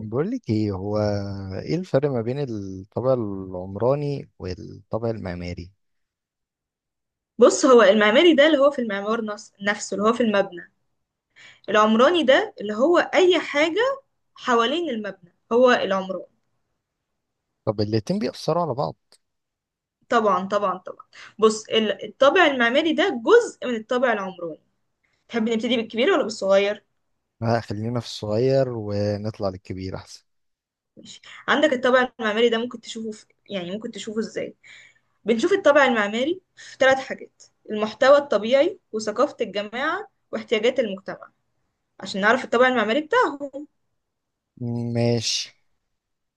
بقولك ايه، هو ايه الفرق ما بين الطابع العمراني والطابع المعماري؟ بص هو المعماري ده اللي هو في المعمار نفسه اللي هو في المبنى. العمراني ده اللي هو أي حاجة حوالين المبنى هو العمران. طب الاتنين بيأثروا على بعض؟ طبعا طبعا طبعا. بص، الطابع المعماري ده جزء من الطابع العمراني. تحب نبتدي بالكبير ولا بالصغير؟ لا، خلينا في الصغير ونطلع للكبير احسن. ماشي. عندك الطابع المعماري ده ممكن تشوفه في، يعني ممكن تشوفه ازاي؟ بنشوف الطابع المعماري في ثلاث حاجات: المحتوى الطبيعي، وثقافة الجماعة، واحتياجات المجتمع، عشان نعرف الطابع المعماري بتاعهم. ماشي.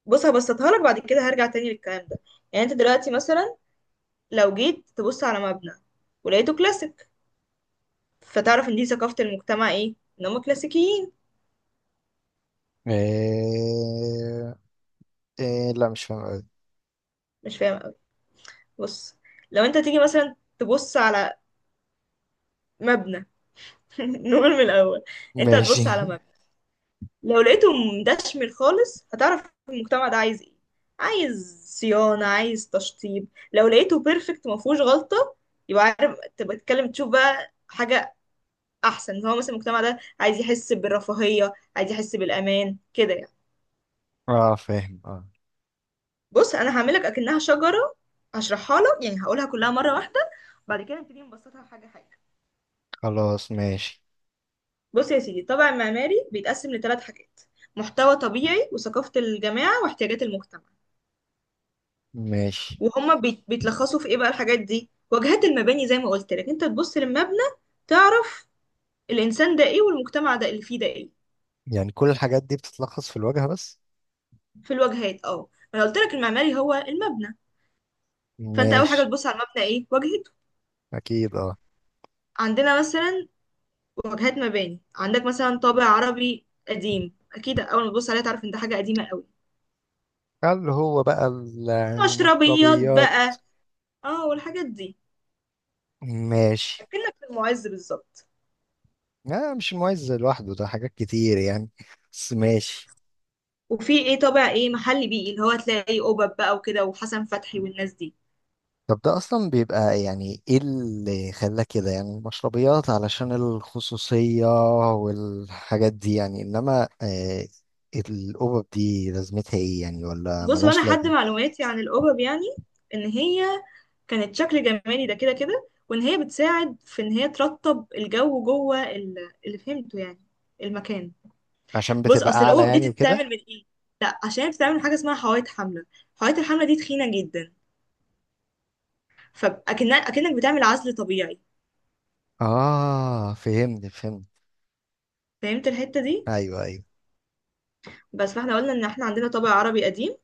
بص، هبسطها لك، بعد كده هرجع تاني للكلام ده. يعني انت دلوقتي مثلا لو جيت تبص على مبنى ولقيته كلاسيك، فتعرف ان دي ثقافة المجتمع ايه، ان هم كلاسيكيين. إيه... لا، مش فاهم أوي. مش فاهم قوي. بص، لو انت تيجي مثلا تبص على مبنى نقول من الاول. انت ماشي. هتبص على مبنى، لو لقيته مدشمل خالص هتعرف المجتمع ده عايز ايه، عايز صيانة، عايز تشطيب. لو لقيته بيرفكت ما فيهوش غلطة، يبقى عارف تبقى تتكلم تشوف بقى حاجة احسن، ان هو مثلا المجتمع ده عايز يحس بالرفاهية، عايز يحس بالامان كده يعني. اه، فاهم، اه. بص انا هعملك اكنها شجره، هشرحها لك يعني، هقولها كلها مره واحده، بعد كده نبتدي نبسطها حاجه حاجه. خلاص، ماشي. بص يا سيدي، الطابع المعماري بيتقسم لثلاث حاجات: محتوى طبيعي، وثقافه الجماعه، واحتياجات المجتمع. ماشي. وهما بيتلخصوا في ايه بقى؟ الحاجات دي واجهات المباني، زي ما قلت لك، انت تبص للمبنى تعرف الانسان ده ايه، والمجتمع ده اللي فيه ده ايه. يعني كل الحاجات دي بتتلخص في الواجهة بس؟ في الواجهات اه. انا قلت لك المعماري هو المبنى، فانت اول حاجه ماشي. تبص على المبنى ايه واجهته. اكيد، اه. عندنا مثلا واجهات مباني، عندك مثلا طابع عربي قديم، اكيد اول ما تبص عليها تعرف ان ده حاجه قديمه قوي. هل هو بقى مشربيات المشربيات؟ بقى، اه والحاجات دي، ماشي. اكنك في المعز بالظبط. لا، مش المعز لوحده، ده حاجات كتير يعني، بس ماشي. وفي ايه، طابع ايه، محلي بيئي، اللي هو تلاقي قبب بقى وكده، وحسن فتحي والناس دي. طب ده اصلا بيبقى يعني ايه اللي خلاه كده يعني، المشربيات علشان الخصوصية والحاجات دي يعني، انما الأوبب دي لازمتها ايه يعني، ولا بص، ملهاش وانا حد لازمة؟ معلوماتي عن القبب يعني، ان هي كانت شكل جمالي ده كده كده، وان هي بتساعد في ان هي ترطب الجو جوه اللي فهمته يعني المكان. عشان بص، بتبقى اصل اعلى الاوف دي يعني وكده. بتتعمل من ايه؟ لا، عشان بتتعمل من حاجه اسمها حوايط حمله، حوايط الحمله دي تخينه جدا، فاكنك اكنك بتعمل عزل طبيعي. اه، فهمت فهمت. فهمت الحته دي؟ ايوه ايوه. بس، فاحنا قلنا ان احنا عندنا طابع عربي قديم،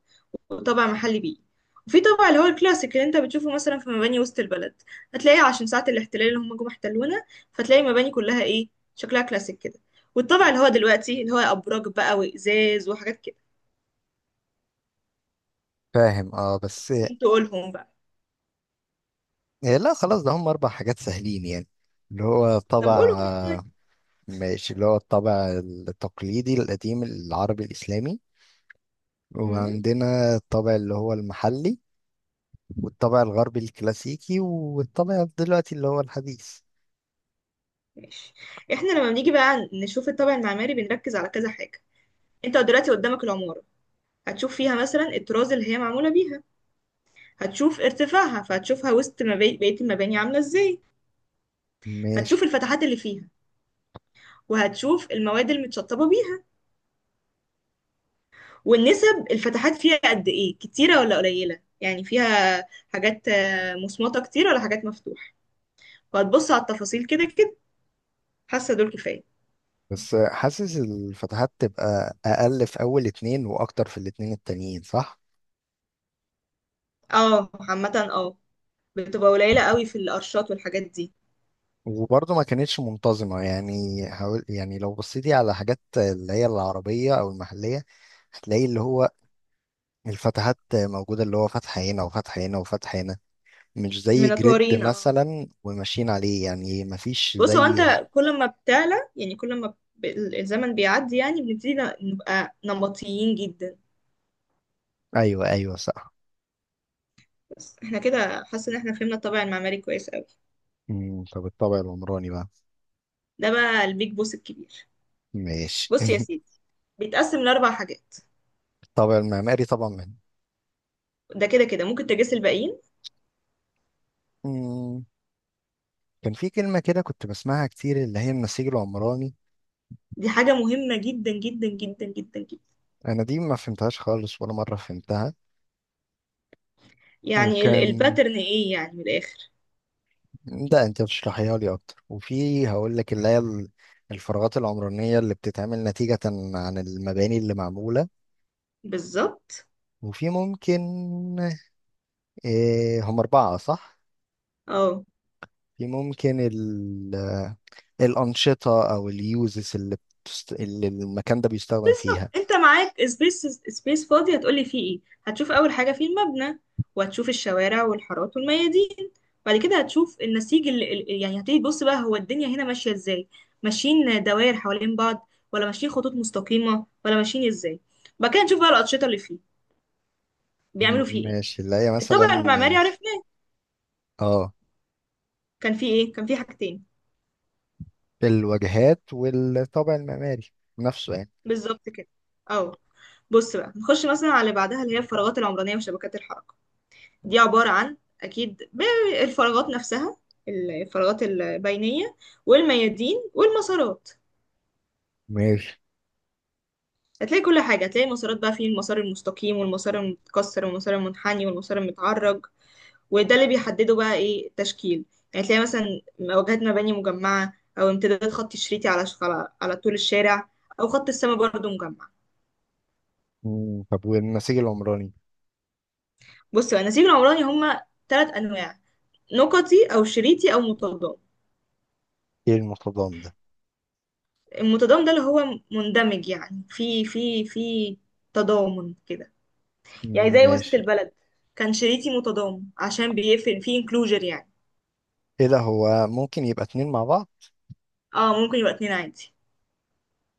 وطابع محلي بيئي، وفي طابع اللي هو الكلاسيك اللي انت بتشوفه مثلا في مباني وسط البلد، هتلاقيه عشان ساعه الاحتلال اللي هم جم احتلونا، فتلاقي المباني كلها ايه؟ شكلها كلاسيك كده. والطابع اللي هو دلوقتي، اللي هو ابراج بقى وازاز وحاجات كده. فاهم، اه، بس. انتوا قولهم بقى. آه، لا، خلاص، ده هم اربع حاجات سهلين يعني. اللي هو طب طبع قولهم طيب. آه، ماشي، اللي هو الطابع التقليدي القديم العربي الإسلامي. مم. وعندنا الطابع اللي هو المحلي. والطابع الغربي الكلاسيكي، والطابع دلوقتي اللي هو الحديث. ماشي. احنا لما بنيجي بقى نشوف الطابع المعماري بنركز على كذا حاجة. انت دلوقتي قدامك العمارة، هتشوف فيها مثلا الطراز اللي هي معمولة بيها، هتشوف ارتفاعها، فهتشوفها وسط بقية المباني عاملة ازاي. ماشي. هتشوف الفتحات اللي فيها، وهتشوف المواد المتشطبة بيها، والنسب، الفتحات فيها قد ايه، كتيرة ولا قليلة، يعني فيها حاجات مصمطة كتير ولا حاجات مفتوحة، وهتبص على التفاصيل كده كده. حاسة دول كفاية. بس حاسس الفتحات تبقى أقل في أول اتنين، وأكتر في الاتنين التانيين، صح؟ اه، عامة اه، بتبقى قليلة قوي في القرشات والحاجات دي. وبرضه ما كانتش منتظمة يعني. حاول، يعني لو بصيتي على حاجات اللي هي العربية أو المحلية هتلاقي اللي هو الفتحات موجودة، اللي هو فتح هنا وفتح هنا وفتح هنا، مش زي جريد منطورين اه. مثلا وماشيين عليه يعني، مفيش بص، هو زي. انت كل ما بتعلى، يعني كل ما الزمن بيعدي يعني بنبتدي نبقى نمطيين جدا. ايوه ايوه، صح. بس احنا كده حاسه ان احنا فهمنا الطابع المعماري كويس قوي. طب الطابع العمراني بقى. ده بقى البيج بوس الكبير. ماشي. بص يا سيدي، بيتقسم لاربع حاجات. الطابع المعماري طبعا من. ده كده كده ممكن تجاس الباقيين. مم، كان في كلمة كده كنت بسمعها كتير، اللي هي النسيج العمراني. دي حاجه مهمه جدا جدا جدا جدا جدا. انا دي ما فهمتهاش خالص، ولا مرة فهمتها. يعني وكان، الباترن ايه، يعني من الاخر. ده انت بتشرحيها لي اكتر، وفي هقول لك اللي هي الفراغات العمرانية اللي بتتعمل نتيجة عن المباني اللي معمولة. بالظبط. وفي ممكن إيه هم أربعة، صح؟ اه في ممكن ال الأنشطة أو اليوزز اللي، اللي المكان ده بيستخدم بالظبط، فيها. انت معاك سبيس فاضي هتقولي فيه ايه؟ هتشوف اول حاجه فيه المبنى، وهتشوف الشوارع والحارات والميادين. بعد كده هتشوف النسيج اللي يعني هتيجي تبص بقى هو الدنيا هنا ماشيه ازاي، ماشيين دوائر حوالين بعض ولا ماشيين خطوط مستقيمه ولا ماشيين ازاي. بعد كده نشوف بقى الانشطه اللي فيه بيعملوا فيه ماشي، اللي هي ايه. الطابع المعماري مثلا. عرفناه، اه، كان فيه ايه؟ كان فيه حاجتين. الواجهات والطابع المعماري نفسه يعني. بالظبط كده اه. بص بقى، نخش مثلا على اللي بعدها اللي هي الفراغات العمرانيه وشبكات الحركه. دي عبارة عن، أكيد، بالفراغات نفسها، الفراغات البينية، والميادين، والمسارات. ماشي. هتلاقي كل حاجة، هتلاقي المسارات بقى فيه المسار المستقيم، والمسار المتكسر، والمسار المنحني، والمسار المتعرج. وده اللي بيحدده بقى إيه التشكيل، يعني تلاقي مثلا واجهات مباني مجمعة، أو امتداد خط شريطي على طول الشارع، أو خط السماء برضه مجمع. طب والنسيج العمراني. بص بقى، النسيج العمراني هما تلات أنواع: نقطي، أو شريطي، أو متضاد. ايه المتضامن ده؟ المتضامن ده اللي هو مندمج يعني في تضامن كده. يعني مم، زي وسط ماشي. البلد، كان شريكي متضامن عشان بيفهم في انكلوجر يعني. ايه ده، هو ممكن يبقى اتنين مع بعض؟ اه ممكن يبقى اتنين عادي.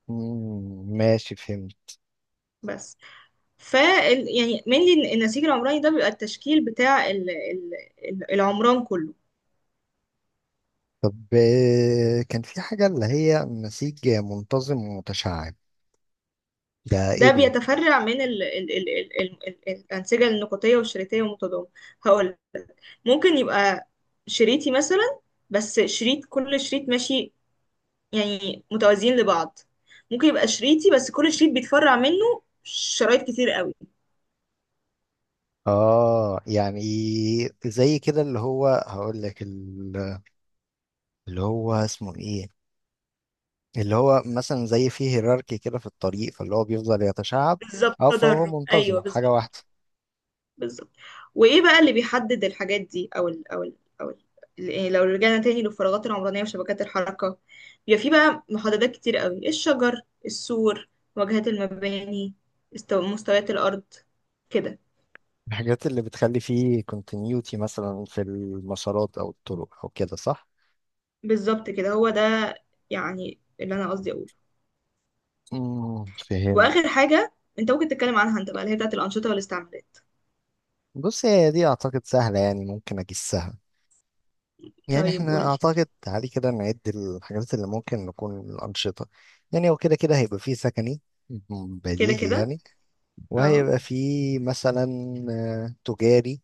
مم، ماشي، فهمت. بس، ف، يعني mainly النسيج العمراني ده بيبقى التشكيل بتاع العمران كله. طب كان في حاجة اللي هي نسيج منتظم ومتشعب، ده ايه ده دول؟ بيتفرع من الأنسجة النقطية والشريطية والمتضامن. هقول ممكن يبقى شريطي مثلا، بس شريط، كل شريط ماشي يعني متوازيين لبعض، ممكن يبقى شريطي بس كل شريط بيتفرع منه شرايط كتير قوي. اه، يعني زي كده اللي هو هقول لك اللي هو اسمه ايه، اللي هو مثلا زي فيه هيراركي كده في الطريق، فاللي هو بيفضل يتشعب. بالظبط، اه، فهو تدرج منتظم ايوه، حاجة بالظبط، واحدة. بالظبط. وايه بقى اللي بيحدد الحاجات دي او ال او ال او ال إيه، لو رجعنا تاني للفراغات العمرانيه وشبكات الحركه، بيبقى في بقى محددات كتير قوي: الشجر، السور، واجهات المباني، مستويات الارض، كده. الحاجات اللي بتخلي فيه continuity مثلا في المسارات او الطرق او كده، صح؟ بالظبط كده، هو ده، يعني اللي انا قصدي اقوله. فهمت. واخر حاجه انت ممكن تتكلم عنها انت بقى اللي هي بتاعت الانشطه والاستعمالات. بص، هي دي اعتقد سهلة يعني ممكن اجسها. يعني طيب احنا قولي. اعتقد تعالي كده نعد الحاجات اللي ممكن نكون الانشطة. يعني هو كده كده هيبقى فيه سكني، كده بديهي كده يعني. اه، وهيبقى فيه مثلا تجاري.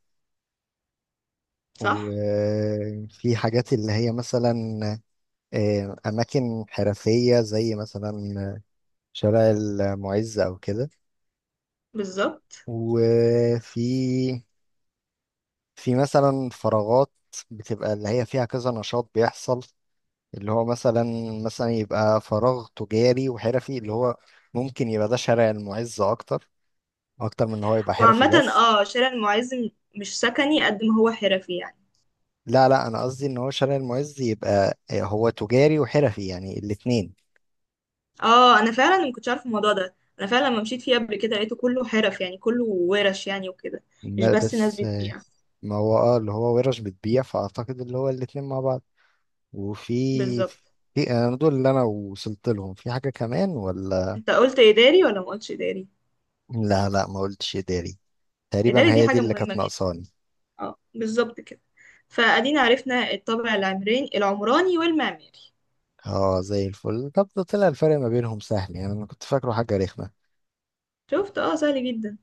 صح وفي حاجات اللي هي مثلا أماكن حرفية، زي مثلا شارع المعز أو كده. بالظبط. وفي في مثلا فراغات بتبقى اللي هي فيها كذا نشاط بيحصل، اللي هو مثلا. مثلا يبقى فراغ تجاري وحرفي، اللي هو ممكن يبقى ده شارع المعز أكتر. أكتر من إن هو يبقى حرفي وعامة بس. اه، شارع المعز مش سكني قد ما هو حرفي يعني. لا لا، انا قصدي ان هو شارع المعز يبقى هو تجاري وحرفي يعني الاتنين. اه، انا فعلا ما كنتش عارف الموضوع ده، انا فعلا لما مشيت فيه قبل كده لقيته كله حرف يعني، كله ورش يعني وكده، مش بس ناس بس. بتبيع. ما هو، اللي هو ورش بتبيع، فاعتقد اللي هو الاتنين مع بعض. وفي بالظبط. في انا دول اللي انا وصلت لهم، في حاجة كمان ولا؟ انت قلت اداري ولا ما قلتش اداري؟ لا لا، ما قلتش اداري. تقريبا اداري دي هي دي حاجة اللي مهمة كانت جدا، ناقصاني. اه بالظبط كده. فادينا عرفنا الطابع العمراني والمعماري. اه، زي الفل. طب ده طلع الفرق ما بينهم سهل يعني، انا كنت فاكره حاجة رخمة. شفت، اه سهل جدا.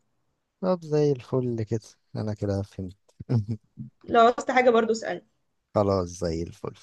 طب زي الفل كده. انا كده فهمت. لو عاوزت حاجة برضو اسألني. خلاص، زي الفل.